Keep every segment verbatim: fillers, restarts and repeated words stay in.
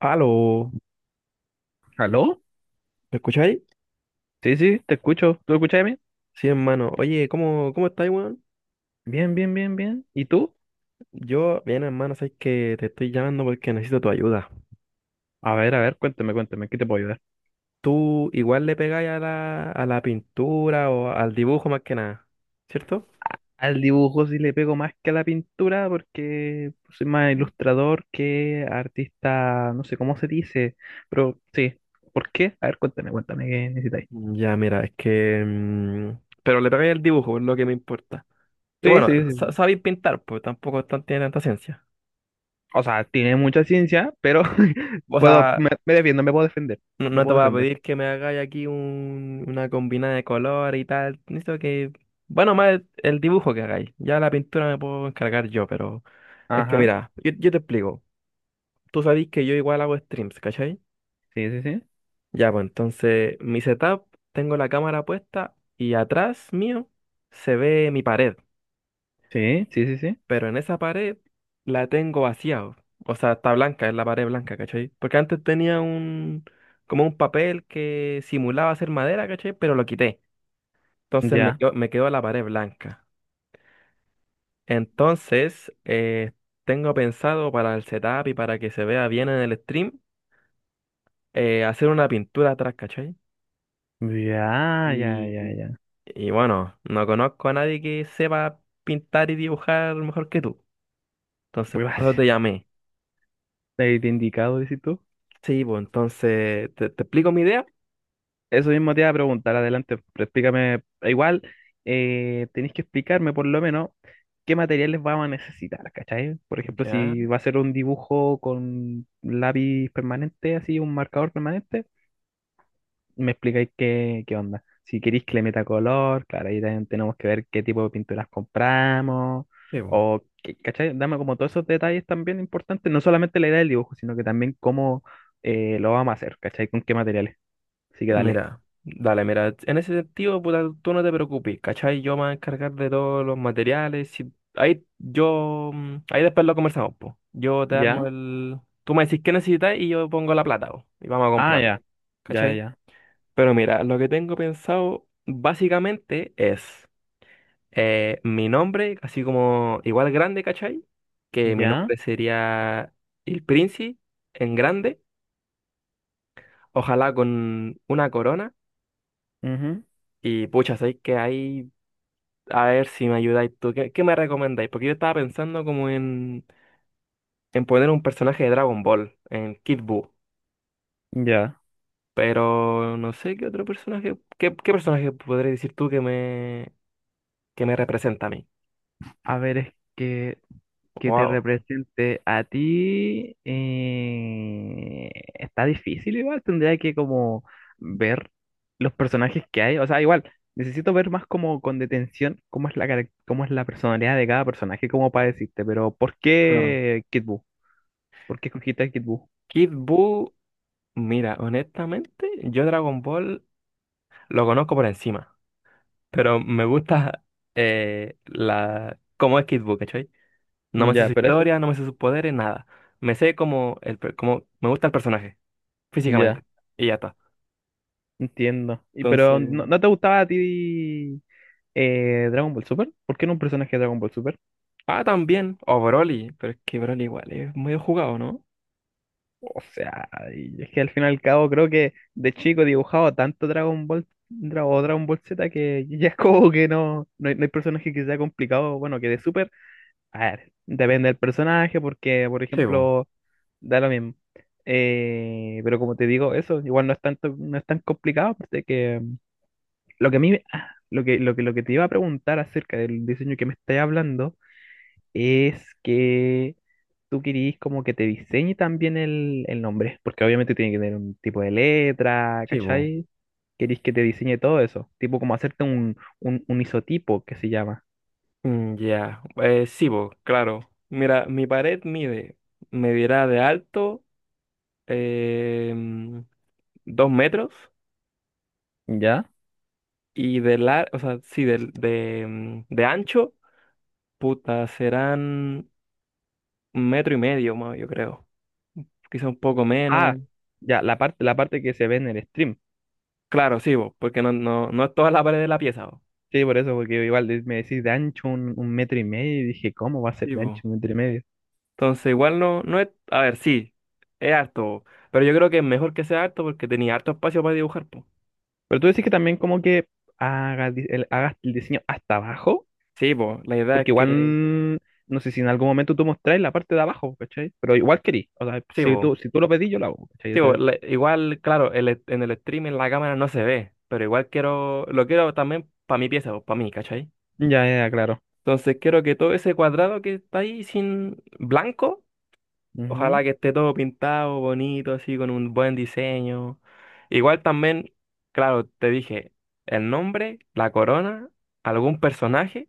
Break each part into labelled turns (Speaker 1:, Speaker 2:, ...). Speaker 1: Aló,
Speaker 2: ¿Aló?
Speaker 1: ¿me escucháis?
Speaker 2: Sí, sí, te escucho. ¿Tú escuchas bien?
Speaker 1: Sí, hermano. Oye, ¿cómo, cómo estáis, weón?
Speaker 2: Bien, bien, bien, bien. ¿Y tú?
Speaker 1: Yo, bien, hermano, sabes que te estoy llamando porque necesito tu ayuda.
Speaker 2: A ver, a ver, cuéntame, cuéntame, ¿qué te puedo ayudar?
Speaker 1: ¿Tú igual le pegáis a la, a la pintura o al dibujo más que nada? ¿Cierto?
Speaker 2: Al dibujo sí le pego más que a la pintura porque soy más ilustrador que artista, no sé cómo se dice, pero sí. ¿Por qué? A ver, cuéntame, cuéntame, ¿qué necesitáis?
Speaker 1: Ya, mira, es que... mm, pero le pegáis al dibujo, es lo que me importa. Y
Speaker 2: Sí,
Speaker 1: bueno,
Speaker 2: sí,
Speaker 1: sa-
Speaker 2: sí.
Speaker 1: sabéis pintar, pues tampoco es tan- tiene tanta ciencia.
Speaker 2: O sea, tiene mucha ciencia, pero
Speaker 1: O
Speaker 2: puedo,
Speaker 1: sea,
Speaker 2: me, me defiendo, me puedo defender,
Speaker 1: no,
Speaker 2: me
Speaker 1: no te
Speaker 2: puedo
Speaker 1: voy a
Speaker 2: defender.
Speaker 1: pedir que me hagáis aquí un, una combinada de color y tal. Necesito que. Bueno, más el, el dibujo que hagáis. Ya la pintura me puedo encargar yo, pero. Es que
Speaker 2: Ajá,
Speaker 1: mira, yo, yo te explico. Tú sabéis que yo igual hago streams, ¿cachai?
Speaker 2: sí, sí, sí.
Speaker 1: Ya, pues entonces, mi setup, tengo la cámara puesta y atrás mío se ve mi pared.
Speaker 2: Sí, sí, sí, sí.
Speaker 1: Pero en esa pared la tengo vacía. O sea, está blanca, es la pared blanca, ¿cachai? Porque antes tenía un. Como un papel que simulaba ser madera, ¿cachai? Pero lo quité. Entonces me
Speaker 2: Ya,
Speaker 1: quedo, me quedó la pared blanca. Entonces, eh, tengo pensado para el setup y para que se vea bien en el stream, eh, hacer una pintura atrás, ¿cachai?
Speaker 2: ya, ya,
Speaker 1: Y,
Speaker 2: ya, ya.
Speaker 1: y bueno, no conozco a nadie que sepa pintar y dibujar mejor que tú. Entonces,
Speaker 2: Muy
Speaker 1: por eso te
Speaker 2: básico.
Speaker 1: llamé.
Speaker 2: De indicado, dices tú.
Speaker 1: Sí, pues entonces, ¿te, te explico mi idea?
Speaker 2: Eso mismo te iba a preguntar, adelante, pero explícame. Igual, eh, tenéis que explicarme por lo menos qué materiales vamos a necesitar, ¿cachai? Por ejemplo,
Speaker 1: Ya,
Speaker 2: si va a ser un dibujo con lápiz permanente, así, un marcador permanente, me explicáis qué, qué onda. Si queréis que le meta color, claro, ahí también tenemos que ver qué tipo de pinturas compramos,
Speaker 1: sí, pues.
Speaker 2: o, qué— ¿cachai? Dame como todos esos detalles también importantes, no solamente la idea del dibujo, sino que también cómo eh, lo vamos a hacer, ¿cachai? Con qué materiales. Así que dale.
Speaker 1: Mira, dale, mira, en ese sentido, puta, tú no te preocupes, ¿cachai? Yo me voy a encargar de todos los materiales, si- ahí yo, mm, ahí después lo conversamos, pues. Yo te armo
Speaker 2: ¿Ya?
Speaker 1: el, tú me decís qué necesitas y yo pongo la plata, po, y vamos a
Speaker 2: Ah,
Speaker 1: comprarlo,
Speaker 2: ya. Ya, ya,
Speaker 1: ¿cachai?
Speaker 2: ya.
Speaker 1: Pero mira, lo que tengo pensado básicamente es eh, mi nombre, así como igual grande, ¿cachai? Que mi
Speaker 2: Ya.
Speaker 1: nombre sería El Princi en grande, ojalá con una corona.
Speaker 2: Ujú.
Speaker 1: Y pucha, sabéis que ahí a ver si me ayudáis tú. ¿Qué, qué me recomendáis? Porque yo estaba pensando como en, en poner un personaje de Dragon Ball, en Kid Buu.
Speaker 2: Ya.
Speaker 1: Pero no sé qué otro personaje, qué, qué personaje podrías decir tú que me, que me representa a mí.
Speaker 2: A ver, es que, que te
Speaker 1: Wow.
Speaker 2: represente a ti. Eh, está difícil igual. Tendría que como ver los personajes que hay. O sea, igual, necesito ver más como con detención cómo es la, carac— cómo es la personalidad de cada personaje, cómo para decirte. Pero, ¿por
Speaker 1: Claro.
Speaker 2: qué Kid Buu? ¿Por qué escogiste a Kid Buu?
Speaker 1: Kid Buu, mira, honestamente, yo Dragon Ball lo conozco por encima. Pero me gusta eh, la, cómo es Kid Buu, ¿cachai? No me sé
Speaker 2: Ya,
Speaker 1: su
Speaker 2: pero eso.
Speaker 1: historia, no me sé sus poderes, nada. Me sé como, el, per- como me gusta el personaje
Speaker 2: Ya,
Speaker 1: físicamente. Y ya está.
Speaker 2: entiendo. Y pero no,
Speaker 1: Entonces.
Speaker 2: no te gustaba a ti. Eh, Dragon Ball Super. ¿Por qué no un personaje de Dragon Ball Super?
Speaker 1: Ah, también. O Broly. Pero es que Broly igual es medio jugado, ¿no?
Speaker 2: O sea, y es que al fin y al cabo creo que de chico dibujaba tanto Dragon Ball Dra— o Dragon Ball Z que ya es como que no, no hay, no hay personaje que sea complicado. Bueno, que de Super, a ver, depende del personaje porque, por
Speaker 1: Sí, bo,
Speaker 2: ejemplo, da lo mismo. Eh, pero como te digo, eso igual no es tanto, no es tan complicado, pues. De que lo que a mí, me- ah, lo que, lo que, lo que te iba a preguntar acerca del diseño que me estás hablando es que tú querís como que te diseñe también el, el nombre, porque obviamente tiene que tener un tipo de letra,
Speaker 1: sí, bo.
Speaker 2: ¿cachai? Querís que te diseñe todo eso, tipo como hacerte un, un, un isotipo que se llama,
Speaker 1: Mm, Ya, Eh, sí, vos, claro. Mira, mi pared mide, medirá de alto eh, mm, dos metros
Speaker 2: ¿ya?
Speaker 1: y de largo, o sea, sí, del- de, mm, de, ancho, puta, serán un metro y medio más, yo creo. Quizá un poco menos.
Speaker 2: Ah, ya, la parte, la parte que se ve en el stream.
Speaker 1: Claro, sí, vos, porque no, no, no es toda la pared de la pieza, vos.
Speaker 2: Sí, por eso, porque igual de— me decís de ancho un, un metro y medio y dije, ¿cómo va a ser
Speaker 1: Sí,
Speaker 2: de
Speaker 1: bo.
Speaker 2: ancho un metro y medio?
Speaker 1: Entonces, igual no, no es, a ver, sí, es harto, pero yo creo que es mejor que sea harto porque tenía harto espacio para dibujar, po.
Speaker 2: Pero tú decís que también como que hagas, di— el— hagas el diseño hasta abajo.
Speaker 1: Sí, po, la idea
Speaker 2: Porque
Speaker 1: es que,
Speaker 2: igual, no sé si en algún momento tú mostráis la parte de abajo, ¿cachai? Pero igual querí. O sea,
Speaker 1: sí,
Speaker 2: si
Speaker 1: po,
Speaker 2: tú, si tú lo pedís, yo lo hago, ¿cachai?
Speaker 1: sí, po,
Speaker 2: Ese—
Speaker 1: la- igual, claro, el, est- en el stream en la cámara no se ve, pero igual quiero, lo quiero también para mi pieza, para mí, ¿cachai?
Speaker 2: ya, ya, claro.
Speaker 1: Entonces quiero que todo ese cuadrado que está ahí sin blanco,
Speaker 2: Ujú,
Speaker 1: ojalá que esté todo pintado, bonito, así, con un buen diseño. Igual también, claro, te dije, el nombre, la corona, algún personaje.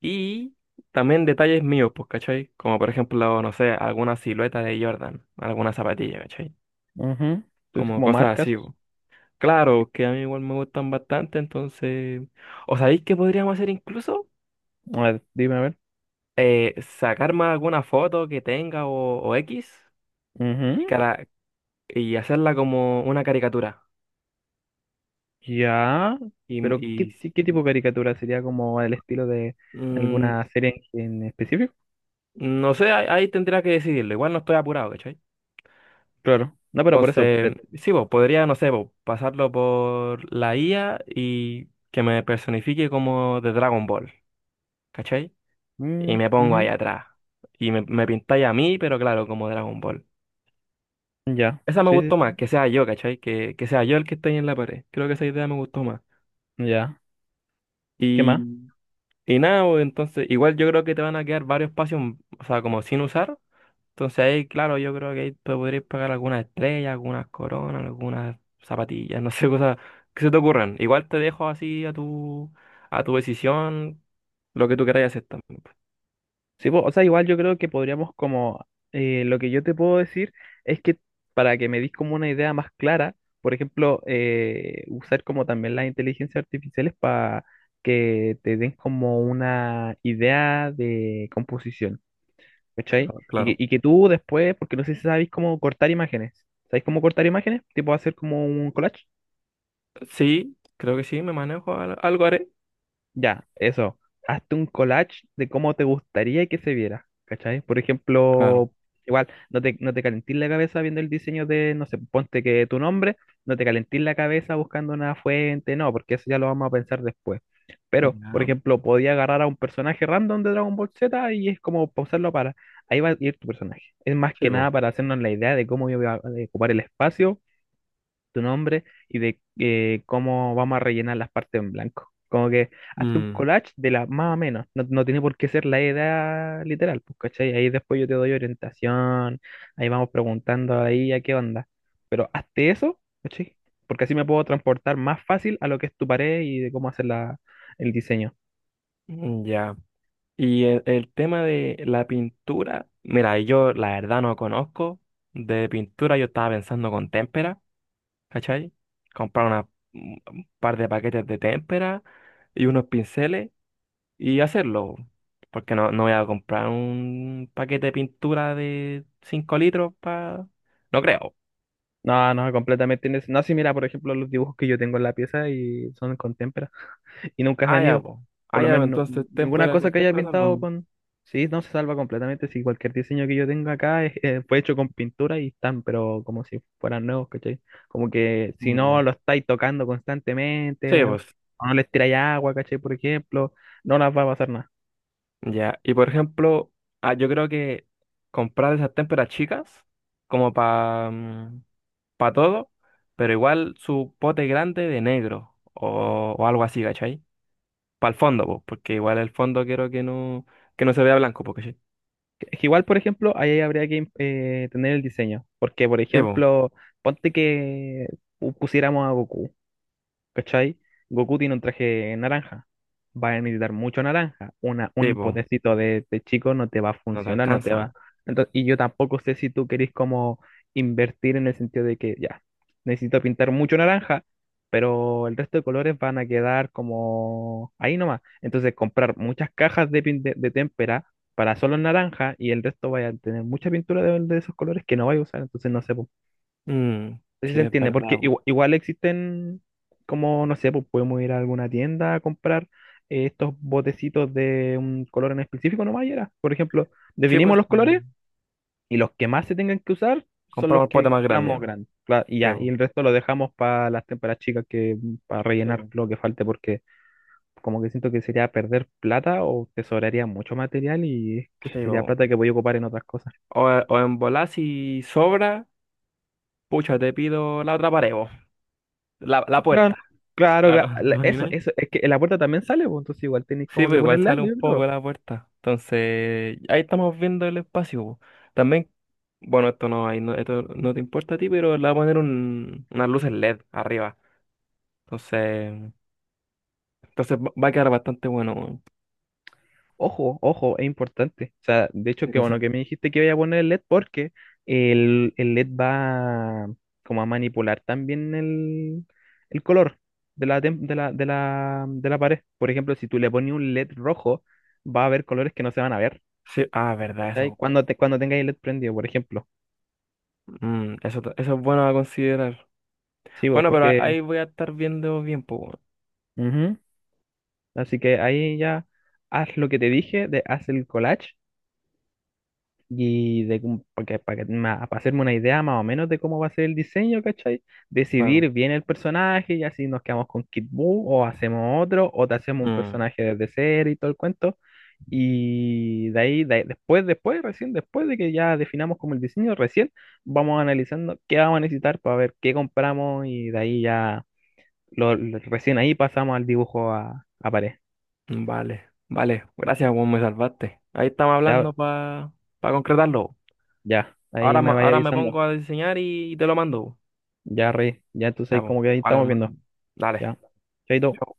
Speaker 1: Y también detalles míos, pues, ¿cachai? Como por ejemplo, no sé, alguna silueta de Jordan, alguna zapatilla, ¿cachai?
Speaker 2: ujú. Entonces,
Speaker 1: Como
Speaker 2: como
Speaker 1: cosas
Speaker 2: marcas,
Speaker 1: así, po. Claro, que a mí igual me gustan bastante, entonces... ¿O sabéis qué podríamos hacer incluso?
Speaker 2: a ver, dime a ver.
Speaker 1: Eh, sacarme alguna foto que tenga o, o X y,
Speaker 2: Ujú.
Speaker 1: cara- y hacerla como una caricatura.
Speaker 2: Ya,
Speaker 1: Y,
Speaker 2: pero ¿qué,
Speaker 1: y,
Speaker 2: ti— qué tipo de caricatura? ¿Sería como el estilo de
Speaker 1: mm,
Speaker 2: alguna serie en, en específico?
Speaker 1: no sé, ahí, ahí tendría que decidirlo. Igual no estoy apurado, ¿cachai?
Speaker 2: Claro. No, pero por eso. Pre—
Speaker 1: Entonces, sí, vos, podría, no sé, vos, pasarlo por la I A y que me personifique como de Dragon Ball, ¿cachai? Y
Speaker 2: mm,
Speaker 1: me pongo ahí
Speaker 2: ujú.
Speaker 1: atrás. Y me, me pintáis a mí, pero claro, como Dragon Ball.
Speaker 2: Ya,
Speaker 1: Esa me
Speaker 2: sí,
Speaker 1: gustó más,
Speaker 2: sí,
Speaker 1: que sea yo, ¿cachai? Que, que sea yo el que esté ahí en la pared. Creo que esa idea me gustó más.
Speaker 2: sí. Ya. ¿Qué más?
Speaker 1: Y, y nada, vos, entonces, igual yo creo que te van a quedar varios espacios, o sea, como sin usar. Entonces ahí, claro, yo creo que ahí te podrías pagar algunas estrellas, algunas coronas, algunas zapatillas, no sé, cosas que se te ocurran. Igual te dejo así a tu, a tu decisión, lo que tú queráis hacer también, pues.
Speaker 2: Sí, po, o sea, igual yo creo que podríamos como, eh, lo que yo te puedo decir es que para que me dis como una idea más clara, por ejemplo, eh, usar como también las inteligencias artificiales para que te den como una idea de composición, ¿cachai?
Speaker 1: Ah,
Speaker 2: Y
Speaker 1: claro,
Speaker 2: que, y que tú después, porque no sé si sabéis cómo cortar imágenes, ¿sabéis cómo cortar imágenes? Tipo hacer como un collage.
Speaker 1: sí, creo que sí, me manejo, al- algo haré.
Speaker 2: Ya, eso. Hazte un collage de cómo te gustaría que se viera, ¿cachai? Por
Speaker 1: Claro.
Speaker 2: ejemplo, igual, no te, no te calentís la cabeza viendo el diseño de, no sé, ponte que tu nombre, no te calentís la cabeza buscando una fuente, no, porque eso ya lo vamos a pensar después. Pero, por
Speaker 1: Ya.
Speaker 2: ejemplo, podía agarrar a un personaje random de Dragon Ball Z y es como pausarlo para, ahí va a ir tu personaje. Es más
Speaker 1: Sí,
Speaker 2: que
Speaker 1: po.
Speaker 2: nada para hacernos la idea de cómo iba a ocupar el espacio tu nombre y de eh, cómo vamos a rellenar las partes en blanco. Como que hazte un
Speaker 1: Mm,
Speaker 2: collage de la más o menos. No, no tiene por qué ser la edad literal, pues, ¿cachai? Ahí después yo te doy orientación, ahí vamos preguntando ahí a qué onda. Pero hazte eso, ¿cachai? Porque así me puedo transportar más fácil a lo que es tu pared y de cómo hacer la, el diseño.
Speaker 1: mm, ya. Y el, el tema de la pintura, mira, yo la verdad no conozco de pintura, yo estaba pensando con témpera, ¿cachai? Comprar una, un par de paquetes de témpera y unos pinceles y hacerlo. Porque no, no voy a comprar un paquete de pintura de cinco litros para... No creo.
Speaker 2: No, no, completamente. Innece— no, si mira, por ejemplo, los dibujos que yo tengo en la pieza y son con témpera. Y nunca se
Speaker 1: Ah,
Speaker 2: han
Speaker 1: ya,
Speaker 2: ido.
Speaker 1: pues.
Speaker 2: Por
Speaker 1: Ah,
Speaker 2: lo
Speaker 1: ya, pues,
Speaker 2: menos no—
Speaker 1: entonces
Speaker 2: ninguna
Speaker 1: témpera
Speaker 2: cosa
Speaker 1: con
Speaker 2: que haya
Speaker 1: témpera
Speaker 2: pintado
Speaker 1: salvamos.
Speaker 2: con... Sí, no se salva completamente. Si cualquier diseño que yo tenga acá es— eh, fue hecho con pintura y están, pero como si fueran nuevos, ¿cachai? Como que si no
Speaker 1: Ya.
Speaker 2: lo estáis tocando
Speaker 1: Sí,
Speaker 2: constantemente, o
Speaker 1: pues.
Speaker 2: no les tiráis agua, ¿cachai? Por ejemplo, no las va a pasar nada.
Speaker 1: Ya. Y por ejemplo, ah, yo creo que comprar esas témperas chicas, como para para todo, pero igual su pote grande de negro o, o algo así, ¿cachai? Para el fondo, pues, porque igual el fondo quiero que no, que no se vea blanco, porque sí.
Speaker 2: Que— que igual, por ejemplo, ahí habría que eh, tener el diseño. Porque, por
Speaker 1: Sí,
Speaker 2: ejemplo, ponte que pu— pusiéramos a Goku. ¿Cachai? Goku tiene un traje naranja. Va a necesitar mucho naranja. Una,
Speaker 1: sí,
Speaker 2: un
Speaker 1: bo,
Speaker 2: potecito de, de chico no te va a
Speaker 1: no te
Speaker 2: funcionar, no te
Speaker 1: alcanza, bo.
Speaker 2: va. Entonces, y yo tampoco sé si tú querés como invertir en el sentido de que ya, necesito pintar mucho naranja, pero el resto de colores van a quedar como ahí nomás. Entonces, comprar muchas cajas de, pin— de, de témpera para solo naranja y el resto vaya a tener mucha pintura de, de esos colores que no vaya a usar. Entonces, no sé, po.
Speaker 1: Mm,
Speaker 2: No sé si
Speaker 1: sí,
Speaker 2: se
Speaker 1: es
Speaker 2: entiende,
Speaker 1: verdad,
Speaker 2: porque
Speaker 1: bo.
Speaker 2: igu— igual, existen, como no sé, pues podemos ir a alguna tienda a comprar eh, estos botecitos de un color en específico, nomás y era. Por ejemplo,
Speaker 1: Sí,
Speaker 2: definimos
Speaker 1: pues,
Speaker 2: los colores
Speaker 1: mm,
Speaker 2: y los que más se tengan que usar son
Speaker 1: compra
Speaker 2: los
Speaker 1: un
Speaker 2: que
Speaker 1: pote más grande,
Speaker 2: compramos
Speaker 1: bo.
Speaker 2: grandes. Claro, y
Speaker 1: Sí,
Speaker 2: ya, y
Speaker 1: bo,
Speaker 2: el resto lo dejamos para las témperas chicas que para
Speaker 1: sí,
Speaker 2: rellenar
Speaker 1: bo,
Speaker 2: lo que falte, porque como que siento que sería perder plata o tesoraría mucho material y es que
Speaker 1: sí,
Speaker 2: sería
Speaker 1: bo.
Speaker 2: plata que voy a ocupar en otras cosas.
Speaker 1: O, o en volar si sobra, pucha, te pido la otra pared, bo. La, la
Speaker 2: Claro,
Speaker 1: puerta,
Speaker 2: claro,
Speaker 1: claro,
Speaker 2: cla—
Speaker 1: ¿te
Speaker 2: la— Eso,
Speaker 1: imaginas?
Speaker 2: eso, es que la puerta también sale, pues, entonces igual tenéis
Speaker 1: Sí,
Speaker 2: como
Speaker 1: pero
Speaker 2: que poner
Speaker 1: igual
Speaker 2: LED,
Speaker 1: sale un
Speaker 2: yo
Speaker 1: poco de
Speaker 2: creo.
Speaker 1: la puerta. Entonces, ahí estamos viendo el espacio, bo. También, bueno, esto no, ahí no, esto no te importa a ti, pero le voy a poner un, unas luces L E D arriba. Entonces, entonces va va a quedar bastante bueno, bo.
Speaker 2: Ojo, ojo, es importante. O sea, de hecho,
Speaker 1: ¿Qué
Speaker 2: que bueno
Speaker 1: cosa?
Speaker 2: que me dijiste que voy a poner el LED porque el, el LED va como a manipular también el, el color de la, tem— de la, de la, de la pared. Por ejemplo, si tú le pones un LED rojo, va a haber colores que no se van a ver,
Speaker 1: Sí, ah, verdad,
Speaker 2: ¿cachai?
Speaker 1: eso.
Speaker 2: Cuando, te, cuando tengáis el LED prendido, por ejemplo.
Speaker 1: Mm, eso, ta- eso es bueno a considerar.
Speaker 2: Sí, vos
Speaker 1: Bueno, pero a-
Speaker 2: porque...
Speaker 1: ahí voy a estar viendo bien, pues, weón.
Speaker 2: Ujú. Así que ahí ya haz lo que te dije, de, haz el collage. Y de, cómo— porque, para, que— ma— para hacerme una idea más o menos de cómo va a ser el diseño, ¿cachai?
Speaker 1: Claro.
Speaker 2: Decidir bien el personaje y así nos quedamos con Kid Buu o hacemos otro o te hacemos un personaje desde cero y todo el cuento. Y de ahí, de ahí— después, después, recién después de que ya definamos como el diseño, recién vamos analizando qué vamos a necesitar para ver qué compramos y de ahí ya, lo, lo- recién ahí pasamos al dibujo a, a pared.
Speaker 1: Mm, vale, vale. Gracias, weón, me salvaste. Ahí estamos
Speaker 2: Ya,
Speaker 1: hablando para concretarlo.
Speaker 2: ya,
Speaker 1: Ahora,
Speaker 2: ahí
Speaker 1: ma-
Speaker 2: me vaya
Speaker 1: ahora me pongo
Speaker 2: avisando.
Speaker 1: a diseñar y te lo mando.
Speaker 2: Ya, Rey, ya entonces
Speaker 1: Ya,
Speaker 2: ahí
Speaker 1: pues.
Speaker 2: como que ahí
Speaker 1: Vale,
Speaker 2: estamos
Speaker 1: hermano.
Speaker 2: viendo.
Speaker 1: Dale.
Speaker 2: Ya, chaito.
Speaker 1: Chao.